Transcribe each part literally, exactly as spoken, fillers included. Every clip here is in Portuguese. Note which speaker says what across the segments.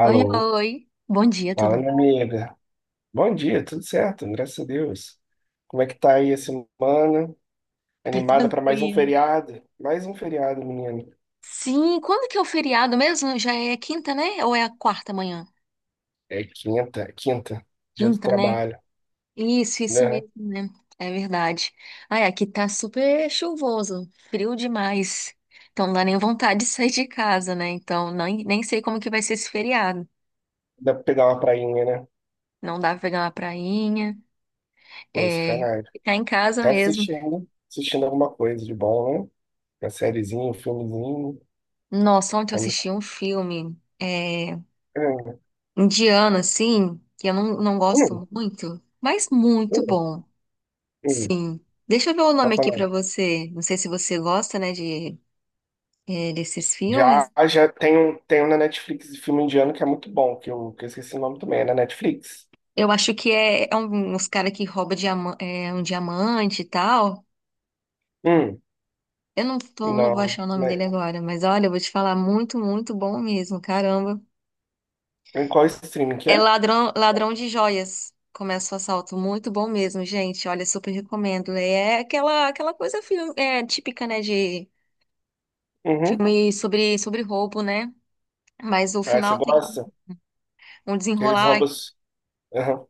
Speaker 1: Oi,
Speaker 2: Alô,
Speaker 1: oi. Bom dia, tudo
Speaker 2: fala minha
Speaker 1: bom?
Speaker 2: amiga. Bom dia, tudo certo, graças a Deus. Como é que tá aí a semana?
Speaker 1: Tá
Speaker 2: Animada para mais um
Speaker 1: tranquilo.
Speaker 2: feriado? Mais um feriado, menina.
Speaker 1: Sim, quando que é o feriado mesmo? Já é quinta, né? Ou é a quarta manhã?
Speaker 2: É quinta, quinta, dia do
Speaker 1: Quinta, né?
Speaker 2: trabalho,
Speaker 1: Isso, isso
Speaker 2: né?
Speaker 1: mesmo, né? É verdade. Ai, aqui tá super chuvoso, frio demais. Então não dá nem vontade de sair de casa, né? Então nem, nem sei como que vai ser esse feriado.
Speaker 2: Dá pra pegar uma prainha, né?
Speaker 1: Não dá pra pegar uma prainha,
Speaker 2: Pô,
Speaker 1: é,
Speaker 2: sacanagem.
Speaker 1: ficar em casa
Speaker 2: Tá
Speaker 1: mesmo.
Speaker 2: assistindo, assistindo alguma coisa de bom, né? Uma sériezinha, um filmezinho.
Speaker 1: Nossa, ontem eu
Speaker 2: É muito-
Speaker 1: assisti um filme. é,
Speaker 2: É.
Speaker 1: Indiano, assim, que eu não, não
Speaker 2: Hum,
Speaker 1: gosto muito, mas muito
Speaker 2: hum,
Speaker 1: bom,
Speaker 2: hum.
Speaker 1: sim. Deixa eu ver o
Speaker 2: Pra
Speaker 1: nome aqui
Speaker 2: falar.
Speaker 1: pra você. Não sei se você gosta, né, de, é, desses
Speaker 2: Já,
Speaker 1: filmes.
Speaker 2: já tem um, tem um na Netflix de filme indiano que é muito bom, que eu, que eu esqueci o nome também, é na Netflix.
Speaker 1: Eu acho que é, é um, uns caras que roubam diama- é, um diamante e tal.
Speaker 2: Hum,
Speaker 1: Eu não tô, não vou
Speaker 2: não,
Speaker 1: achar o nome
Speaker 2: né?
Speaker 1: dele agora, mas olha, eu vou te falar, muito, muito bom mesmo, caramba.
Speaker 2: Em qual streaming que
Speaker 1: É
Speaker 2: é?
Speaker 1: ladrão, ladrão de joias. Começa o assalto, muito bom mesmo, gente. Olha, super recomendo. É aquela, aquela coisa filme, é, típica, né, de
Speaker 2: Uhum.
Speaker 1: filme sobre, sobre roubo, né? Mas o
Speaker 2: Ah, você
Speaker 1: final tem
Speaker 2: gosta?
Speaker 1: um
Speaker 2: Que eles
Speaker 1: desenrolar
Speaker 2: roubam. os- Aham.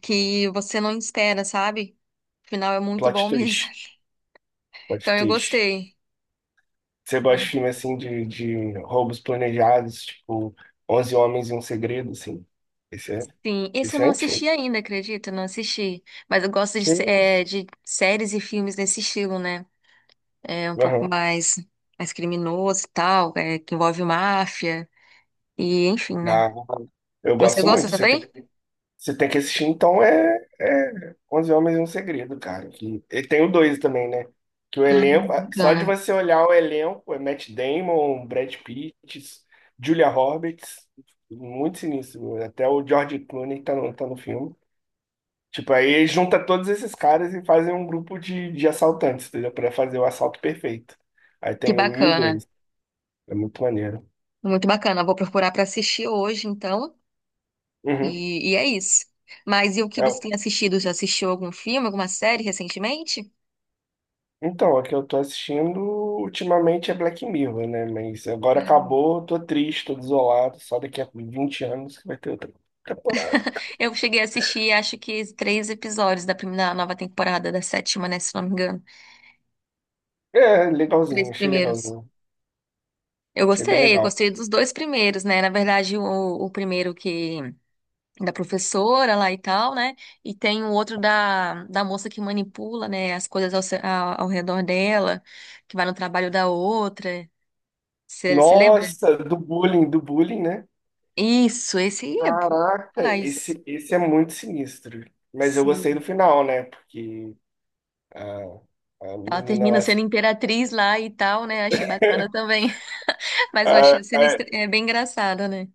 Speaker 1: que você não espera, sabe? O final é muito
Speaker 2: Plot
Speaker 1: bom mesmo.
Speaker 2: twist. Plot
Speaker 1: Então eu
Speaker 2: twist.
Speaker 1: gostei.
Speaker 2: Você gosta de filme assim de, de roubos planejados, tipo Onze Homens e um Segredo, assim? Esse é,
Speaker 1: Sim, esse eu
Speaker 2: esse é
Speaker 1: não
Speaker 2: antigo.
Speaker 1: assisti ainda, acredita? Não assisti. Mas eu gosto de,
Speaker 2: Que
Speaker 1: sé-
Speaker 2: isso?
Speaker 1: eh, de séries e filmes nesse estilo, né? É um pouco
Speaker 2: Aham.
Speaker 1: mais, mais criminoso e tal, é, que envolve máfia e enfim, né?
Speaker 2: Ah, eu
Speaker 1: Você
Speaker 2: gosto
Speaker 1: gosta
Speaker 2: muito. Você tem
Speaker 1: também?
Speaker 2: Você tem que assistir, então, é, é onze Homens e um Segredo, cara. Que, e tem o dois também, né? Que o
Speaker 1: Ah,
Speaker 2: elenco, só de
Speaker 1: bacana.
Speaker 2: você olhar o elenco, é Matt Damon, Brad Pitt, Julia Roberts, muito sinistro. Até o George Clooney tá no, tá no filme. Tipo, aí junta todos esses caras e fazem um grupo de, de assaltantes, entendeu? Pra fazer o assalto perfeito. Aí
Speaker 1: Que
Speaker 2: tem o um e o
Speaker 1: bacana.
Speaker 2: dois. É muito maneiro.
Speaker 1: Muito bacana. Vou procurar para assistir hoje, então.
Speaker 2: Uhum.
Speaker 1: E, e é isso. Mas e o que você
Speaker 2: É,
Speaker 1: tem assistido? Já assistiu algum filme, alguma série recentemente?
Speaker 2: Então, a que eu tô assistindo ultimamente é Black Mirror, né? Mas agora
Speaker 1: Hum.
Speaker 2: acabou, tô triste, tô desolado. Só daqui a vinte anos que vai ter outra temporada.
Speaker 1: Eu cheguei a assistir, acho que três episódios da primeira, nova temporada, da sétima, né? Se não me engano.
Speaker 2: É, legalzinho,
Speaker 1: Três
Speaker 2: achei
Speaker 1: primeiros.
Speaker 2: legalzinho.
Speaker 1: Eu
Speaker 2: Achei bem
Speaker 1: gostei, eu
Speaker 2: legal.
Speaker 1: gostei dos dois primeiros, né? Na verdade, o, o primeiro que da professora lá e tal, né? E tem o outro da, da moça que manipula, né? As coisas ao, se- ao, ao redor dela, que vai no trabalho da outra. Você lembra?
Speaker 2: Nossa, do bullying, do bullying, né?
Speaker 1: Isso, esse aí é.
Speaker 2: Caraca,
Speaker 1: Mas
Speaker 2: esse, esse é muito sinistro. Mas eu gostei do
Speaker 1: sim.
Speaker 2: final, né? Porque a, a
Speaker 1: Ela
Speaker 2: menina lá,
Speaker 1: termina sendo imperatriz lá e tal, né? Achei bacana também. Mas eu achei
Speaker 2: a,
Speaker 1: a cena estra- é bem engraçada, né?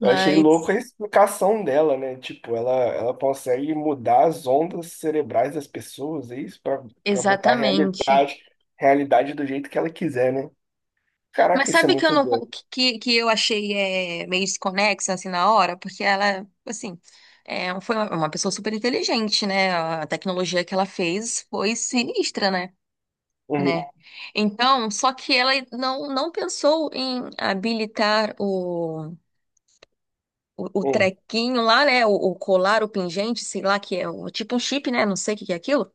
Speaker 2: eu achei louco a explicação dela, né? Tipo, ela, ela consegue mudar as ondas cerebrais das pessoas, é isso? Pra, pra botar a
Speaker 1: exatamente.
Speaker 2: realidade, realidade do jeito que ela quiser, né?
Speaker 1: Mas
Speaker 2: Caraca, isso é
Speaker 1: sabe que eu
Speaker 2: muito
Speaker 1: não,
Speaker 2: doido.
Speaker 1: que, que eu achei é, meio desconexa assim na hora? Porque ela, assim, é, um, foi uma, uma pessoa super inteligente, né? A tecnologia que ela fez foi sinistra, né?
Speaker 2: Uhum,
Speaker 1: Né? Então, só que ela não, não pensou em habilitar o, o
Speaker 2: uhum,
Speaker 1: trequinho lá, né? O, o colar, o pingente, sei lá, que é o, tipo um chip, né? Não sei o que que é aquilo.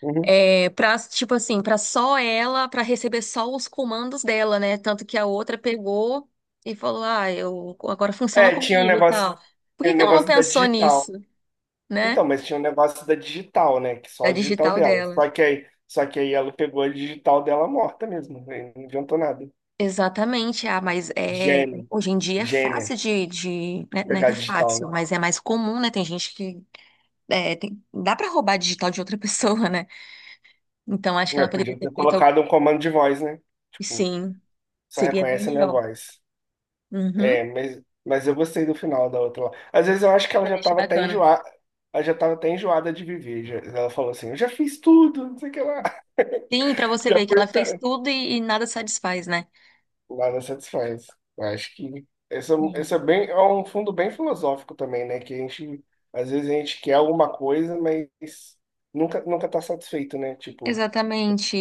Speaker 2: uhum.
Speaker 1: É, pra, tipo assim, pra só ela, pra receber só os comandos dela, né? Tanto que a outra pegou e falou: Ah, eu, agora funciona
Speaker 2: É, tinha um
Speaker 1: comigo e
Speaker 2: negócio,
Speaker 1: tal. Por
Speaker 2: tinha
Speaker 1: que
Speaker 2: um
Speaker 1: que ela não
Speaker 2: negócio da
Speaker 1: pensou nisso,
Speaker 2: digital. Então,
Speaker 1: né?
Speaker 2: mas tinha um negócio da digital, né? Que só
Speaker 1: Da
Speaker 2: a digital
Speaker 1: digital
Speaker 2: dela.
Speaker 1: dela.
Speaker 2: Só que aí, só que aí ela pegou a digital dela morta mesmo, né? Não adiantou nada.
Speaker 1: Exatamente, ah, mas é,
Speaker 2: Gênio,
Speaker 1: hoje em dia é
Speaker 2: gênio.
Speaker 1: fácil de, de, né, não é
Speaker 2: Pegar
Speaker 1: que
Speaker 2: a
Speaker 1: é
Speaker 2: digital,
Speaker 1: fácil,
Speaker 2: né?
Speaker 1: mas é mais comum, né? Tem gente que é, tem- dá pra roubar digital de outra pessoa, né? Então acho que
Speaker 2: É,
Speaker 1: ela poderia
Speaker 2: podia
Speaker 1: ter
Speaker 2: ter
Speaker 1: feito.
Speaker 2: colocado um comando de voz, né? Tipo,
Speaker 1: Sim,
Speaker 2: só
Speaker 1: seria bem
Speaker 2: reconhece a minha
Speaker 1: melhor.
Speaker 2: voz.
Speaker 1: Uhum.
Speaker 2: É, mas, mas eu gostei do final da outra lá. Às vezes eu acho que ela já
Speaker 1: Também achei
Speaker 2: tava até
Speaker 1: bacana.
Speaker 2: enjoada, ela já tava até enjoada de viver. Já- ela falou assim, eu já fiz tudo, não sei o que lá.
Speaker 1: Sim, pra você
Speaker 2: Já
Speaker 1: ver que
Speaker 2: foi
Speaker 1: ela fez
Speaker 2: pra.
Speaker 1: tudo e, e nada satisfaz, né?
Speaker 2: Nada satisfaz. Eu acho que essa, essa é
Speaker 1: Sim.
Speaker 2: bem, é um fundo bem filosófico também, né? Que a gente, às vezes a gente quer alguma coisa, mas nunca, nunca tá satisfeito, né? Tipo,
Speaker 1: Exatamente.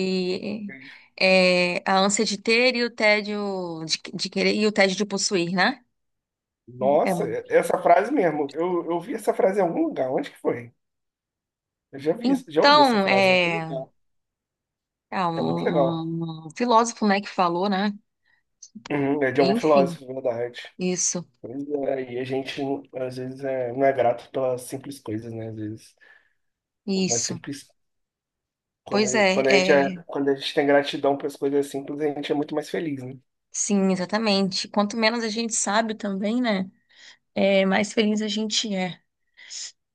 Speaker 1: É, a ânsia de ter e o tédio de, de querer e o tédio de possuir, né? É.
Speaker 2: nossa, essa frase mesmo. Eu, eu vi essa frase em algum lugar. Onde que foi? Eu já vi, isso- já ouvi essa
Speaker 1: Então,
Speaker 2: frase em algum
Speaker 1: é,
Speaker 2: lugar.
Speaker 1: é um,
Speaker 2: É muito legal.
Speaker 1: um um filósofo, né, que falou, né?
Speaker 2: Uhum, é de algum
Speaker 1: Enfim,
Speaker 2: filósofo, verdade.
Speaker 1: isso,
Speaker 2: Pois é, e a gente, às vezes, é, não é grato pelas simples coisas, né? Às vezes, uma
Speaker 1: isso.
Speaker 2: simples. Quando,
Speaker 1: Pois
Speaker 2: a-
Speaker 1: é,
Speaker 2: quando, a gente é,
Speaker 1: é,
Speaker 2: quando a gente tem gratidão pelas coisas simples, a gente é muito mais feliz, né?
Speaker 1: sim, exatamente. Quanto menos a gente sabe também, né? É, mais feliz a gente é.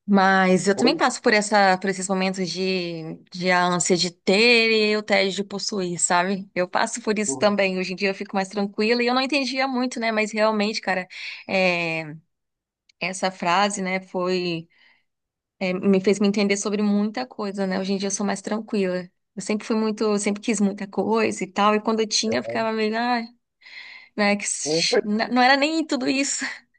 Speaker 1: Mas eu
Speaker 2: Oi?
Speaker 1: também passo por essa, por esses momentos de, de a ânsia de ter e o tédio de possuir, sabe? Eu passo por isso
Speaker 2: Uhum.
Speaker 1: também. Hoje em dia eu fico mais tranquila e eu não entendia muito, né? Mas realmente, cara, é, essa frase, né, foi, é, me fez me entender sobre muita coisa, né? Hoje em dia eu sou mais tranquila. Eu sempre fui muito, eu sempre quis muita coisa e tal, e quando eu tinha, eu
Speaker 2: É,
Speaker 1: ficava meio, ah, né, que, s- n- não era nem tudo isso.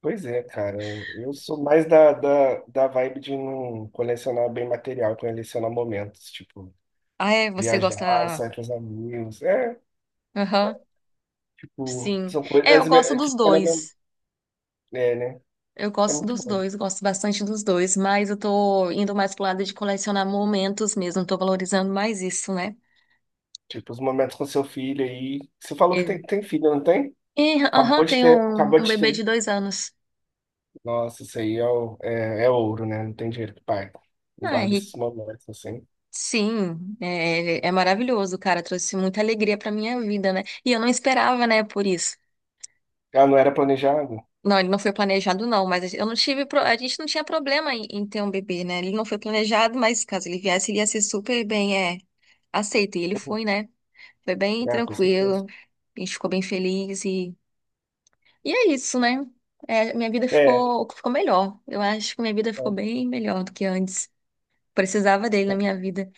Speaker 2: pois é, cara. Eu sou mais da, da, da vibe de não colecionar bem material, colecionar momentos, tipo.
Speaker 1: Ah, é, você
Speaker 2: Viajar,
Speaker 1: gosta.
Speaker 2: sair com os amigos. É,
Speaker 1: Aham,
Speaker 2: tipo,
Speaker 1: sim.
Speaker 2: são
Speaker 1: É, eu
Speaker 2: coisas
Speaker 1: gosto
Speaker 2: é, que
Speaker 1: dos
Speaker 2: fica na mem-
Speaker 1: dois.
Speaker 2: É, né?
Speaker 1: Eu
Speaker 2: É
Speaker 1: gosto
Speaker 2: muito
Speaker 1: dos
Speaker 2: bom.
Speaker 1: dois, gosto bastante dos dois, mas eu tô indo mais pro lado de colecionar momentos mesmo, tô valorizando mais isso, né?
Speaker 2: Tipo, os momentos com seu filho aí. Você falou que
Speaker 1: É.
Speaker 2: tem, tem filho, não tem?
Speaker 1: E,
Speaker 2: Acabou
Speaker 1: aham,
Speaker 2: de
Speaker 1: tenho
Speaker 2: ter,
Speaker 1: um,
Speaker 2: acabou
Speaker 1: um
Speaker 2: de
Speaker 1: bebê
Speaker 2: ter.
Speaker 1: de dois anos.
Speaker 2: Nossa, isso aí é, o- é, é ouro, né? Não tem dinheiro que pague. Guarda esses
Speaker 1: Ai,
Speaker 2: momentos assim.
Speaker 1: sim, é, é maravilhoso, cara, trouxe muita alegria pra minha vida, né? E eu não esperava, né, por isso.
Speaker 2: Ah, não era planejado?
Speaker 1: Não, ele não foi planejado, não, mas eu não tive, pro- a gente não tinha problema em, em ter um bebê, né? Ele não foi planejado, mas caso ele viesse, ele ia ser super bem, é, aceito, e ele
Speaker 2: Uhum.
Speaker 1: foi, né? Foi bem
Speaker 2: Ah, com
Speaker 1: tranquilo.
Speaker 2: certeza.
Speaker 1: A gente ficou bem feliz e, e é isso, né? É, minha vida
Speaker 2: É,
Speaker 1: ficou, ficou melhor. Eu acho que minha vida ficou
Speaker 2: é.
Speaker 1: bem melhor do que antes. Precisava dele na minha vida.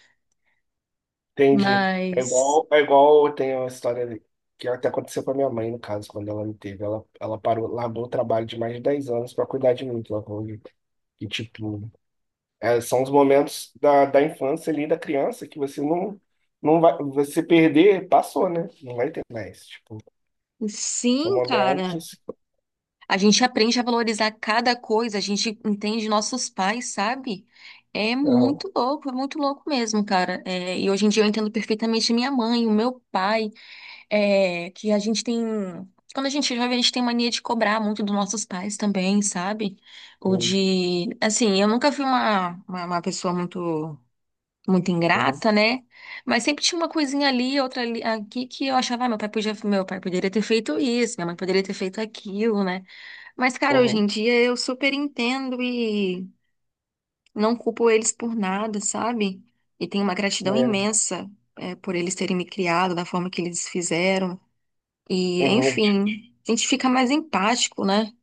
Speaker 2: Entendi. É
Speaker 1: Mas,
Speaker 2: igual, é igual eu tenho uma história ali, que até aconteceu com a minha mãe, no caso, quando ela me teve. Ela, ela parou, largou o trabalho de mais de dez anos para cuidar de mim. Que ela E, tipo, é, são os momentos da, da infância ali, da criança, que você não, não vai, você perder, passou, né? Não vai ter mais. Tipo, são
Speaker 1: sim,
Speaker 2: momentos,
Speaker 1: cara.
Speaker 2: assim.
Speaker 1: A gente aprende a valorizar cada coisa, a gente entende nossos pais, sabe? É
Speaker 2: Aham,
Speaker 1: muito louco, é muito louco mesmo, cara. É, e hoje em dia eu entendo perfeitamente minha mãe, o meu pai. É, que a gente tem. Quando a gente é jovem, a gente tem mania de cobrar muito dos nossos pais também, sabe? Ou
Speaker 2: uhum,
Speaker 1: de. Assim, eu nunca fui uma, uma, uma pessoa muito, muito
Speaker 2: uhum,
Speaker 1: ingrata, né? Mas sempre tinha uma coisinha ali, outra ali, aqui, que eu achava, ah, meu pai podia, meu pai poderia ter feito isso, minha mãe poderia ter feito aquilo, né? Mas, cara, hoje em dia eu super entendo e não culpo eles por nada, sabe? E tenho uma gratidão
Speaker 2: uhum,
Speaker 1: imensa, é, por eles terem me criado da forma que eles fizeram.
Speaker 2: é,
Speaker 1: E,
Speaker 2: uhum, a gente
Speaker 1: enfim, a gente fica mais empático, né?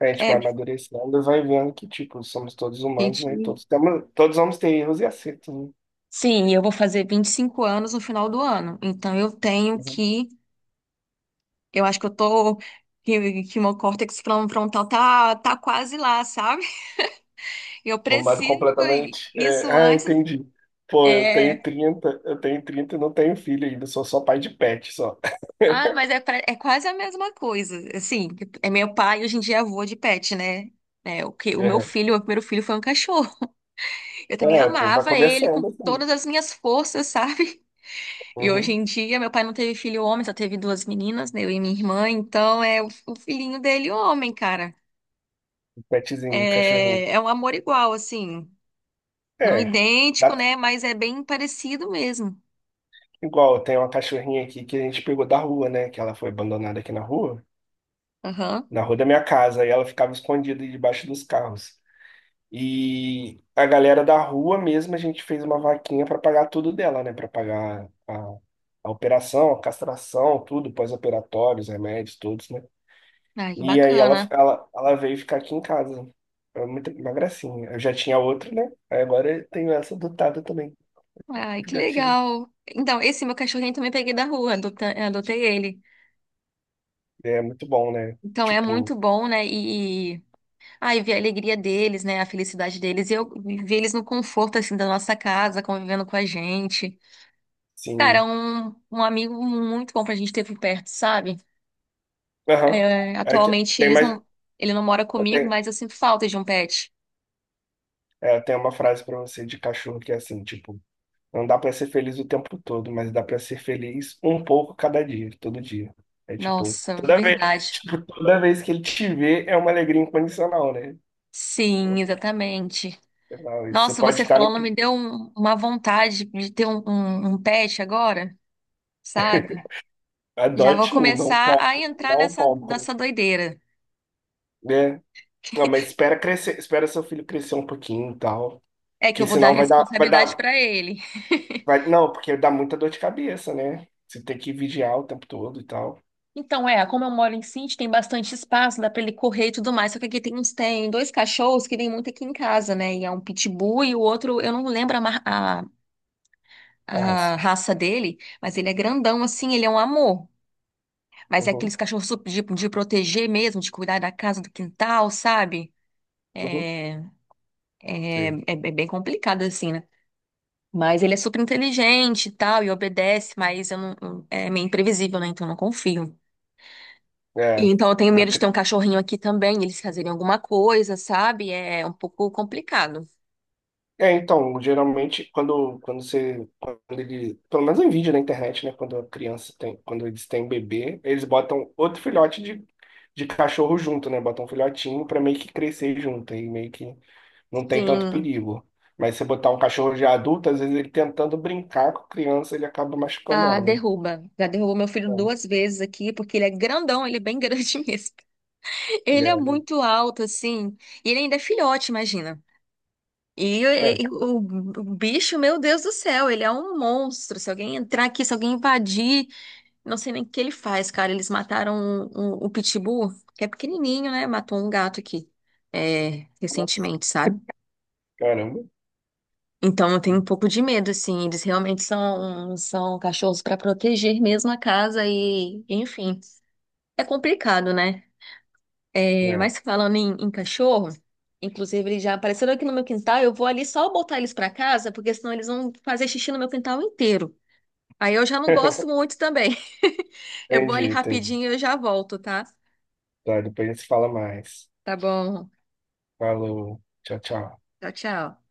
Speaker 2: a gente
Speaker 1: É,
Speaker 2: vai
Speaker 1: a
Speaker 2: amadurecendo e vai vendo que, tipo, somos todos humanos,
Speaker 1: gente.
Speaker 2: né? Todos temos, todos vamos ter erros e acertos, né?
Speaker 1: Sim, eu vou fazer vinte e cinco anos no final do ano. Então eu tenho que. Eu acho que eu tô. Que, que meu córtex fron- frontal tá, tá quase lá, sabe? Eu
Speaker 2: Bombado
Speaker 1: preciso e
Speaker 2: completamente. É,
Speaker 1: isso
Speaker 2: ah,
Speaker 1: antes.
Speaker 2: entendi. Pô, eu tenho
Speaker 1: É.
Speaker 2: trinta, eu tenho trinta e não tenho filho ainda, sou só pai de pet, só.
Speaker 1: Ah, mas é, pra- é quase a mesma coisa. Assim, é meu pai, hoje em dia é avô de pet, né? É, o que, o meu
Speaker 2: Uhum.
Speaker 1: filho, o meu primeiro filho foi um cachorro. Eu também
Speaker 2: É, pô, vai
Speaker 1: amava ele com
Speaker 2: começando assim.
Speaker 1: todas as minhas forças, sabe? E hoje
Speaker 2: Uhum.
Speaker 1: em dia, meu pai não teve filho homem, só teve duas meninas, né, eu e minha irmã. Então, é o, o filhinho dele homem, cara.
Speaker 2: Um petzinho, um cachorrinho.
Speaker 1: É, é um amor igual, assim. Não
Speaker 2: É,
Speaker 1: idêntico,
Speaker 2: dá-
Speaker 1: né? Mas é bem parecido mesmo.
Speaker 2: igual, tem uma cachorrinha aqui que a gente pegou da rua, né? Que ela foi abandonada aqui na rua,
Speaker 1: Aham.
Speaker 2: na rua da minha casa, e ela ficava escondida debaixo dos carros. E a galera da rua mesmo, a gente fez uma vaquinha para pagar tudo dela, né? Para pagar a, a operação, a castração, tudo, pós-operatórios, remédios, todos, né?
Speaker 1: Ai, que
Speaker 2: E aí ela,
Speaker 1: bacana.
Speaker 2: ela, ela veio ficar aqui em casa. É muito, uma gracinha. Eu já tinha outra, né? Aí agora eu tenho essa adotada também,
Speaker 1: Ai, que
Speaker 2: filhotinha.
Speaker 1: legal. Então, esse meu cachorrinho também peguei da rua, adota- adotei ele.
Speaker 2: É muito bom, né?
Speaker 1: Então, é
Speaker 2: Tipo,
Speaker 1: muito bom, né? E, e- ai, ver a alegria deles, né? A felicidade deles. E eu ver eles no conforto, assim, da nossa casa, convivendo com a gente. Cara,
Speaker 2: sim.
Speaker 1: um, um amigo muito bom pra gente ter por perto, sabe?
Speaker 2: Aham.
Speaker 1: É,
Speaker 2: Aí te-
Speaker 1: atualmente
Speaker 2: tem
Speaker 1: eles
Speaker 2: mais.
Speaker 1: não, ele não mora
Speaker 2: Eu
Speaker 1: comigo,
Speaker 2: tenho,
Speaker 1: mas eu sinto falta de um pet.
Speaker 2: é, eu tenho uma frase para você de cachorro que é assim, tipo. Não dá pra ser feliz o tempo todo, mas dá pra ser feliz um pouco cada dia, todo dia. É tipo,
Speaker 1: Nossa,
Speaker 2: toda vez,
Speaker 1: verdade.
Speaker 2: tipo, toda vez que ele te vê é uma alegria incondicional, né?
Speaker 1: Sim, exatamente.
Speaker 2: Não, isso. Você
Speaker 1: Nossa,
Speaker 2: pode
Speaker 1: você
Speaker 2: estar na.
Speaker 1: falando me deu um- uma vontade de ter um, um, um pet agora, sabe? Já vou
Speaker 2: Adote um, não
Speaker 1: começar a
Speaker 2: compre,
Speaker 1: entrar
Speaker 2: não
Speaker 1: nessa,
Speaker 2: compre,
Speaker 1: nessa doideira.
Speaker 2: né? Não, mas espera crescer, espera seu filho crescer um pouquinho e tal,
Speaker 1: É que
Speaker 2: porque
Speaker 1: eu vou dar
Speaker 2: senão vai dar, vai
Speaker 1: responsabilidade
Speaker 2: dar,
Speaker 1: pra ele.
Speaker 2: vai, não, porque dá muita dor de cabeça, né? Você tem que vigiar o tempo todo e tal.
Speaker 1: Então, é, como eu moro em sítio, tem bastante espaço, dá pra ele correr e tudo mais. Só que aqui tem uns, tem dois cachorros que vêm muito aqui em casa, né? E é um pitbull e o outro, eu não lembro a, mar- a, a
Speaker 2: Arrasa.
Speaker 1: raça dele, mas ele é grandão assim, ele é um amor. Mas é
Speaker 2: Uhum,
Speaker 1: aqueles cachorros super de, de proteger mesmo, de cuidar da casa, do quintal, sabe?
Speaker 2: uhum,
Speaker 1: É, é, é,
Speaker 2: sim.
Speaker 1: é bem complicado assim, né? Mas ele é super inteligente e tal, e obedece, mas eu não, é meio imprevisível, né? Então eu não confio. E
Speaker 2: É,
Speaker 1: então eu tenho medo de ter um cachorrinho aqui também, eles fazerem alguma coisa, sabe? É um pouco complicado.
Speaker 2: é, então, geralmente quando, quando você, quando ele, pelo menos em vídeo na internet, né, quando a criança tem, quando eles têm bebê, eles botam outro filhote de, de cachorro junto, né, botam um filhotinho para meio que crescer junto, aí meio que não tem tanto
Speaker 1: Sim.
Speaker 2: perigo. Mas se botar um cachorro já adulto, às vezes ele tentando brincar com a criança, ele acaba machucando
Speaker 1: Ah,
Speaker 2: ela, né?
Speaker 1: derruba. Já derrubou meu filho duas vezes aqui, porque ele é grandão, ele é bem grande mesmo. Ele é
Speaker 2: É,
Speaker 1: muito alto, assim. E ele ainda é filhote, imagina. E,
Speaker 2: é,
Speaker 1: e-
Speaker 2: é.
Speaker 1: o, o bicho, meu Deus do céu, ele é um monstro. Se alguém entrar aqui, se alguém invadir, não sei nem o que ele faz, cara. Eles mataram o, o pitbull, que é pequenininho, né? Matou um gato aqui, é,
Speaker 2: Nossa,
Speaker 1: recentemente, sabe?
Speaker 2: caramba.
Speaker 1: Então eu tenho um pouco de medo, assim. Eles realmente são, são cachorros para proteger mesmo a casa e, enfim, é complicado, né? É,
Speaker 2: É.
Speaker 1: mas falando em, em cachorro, inclusive eles já apareceram aqui no meu quintal. Eu vou ali só botar eles para casa, porque senão eles vão fazer xixi no meu quintal inteiro. Aí eu já não gosto muito também. Eu vou ali
Speaker 2: Entendi, entendi.
Speaker 1: rapidinho e eu já volto, tá?
Speaker 2: Tá, depois a gente se fala mais.
Speaker 1: Tá bom.
Speaker 2: Falou, tchau, tchau.
Speaker 1: Tchau, tchau.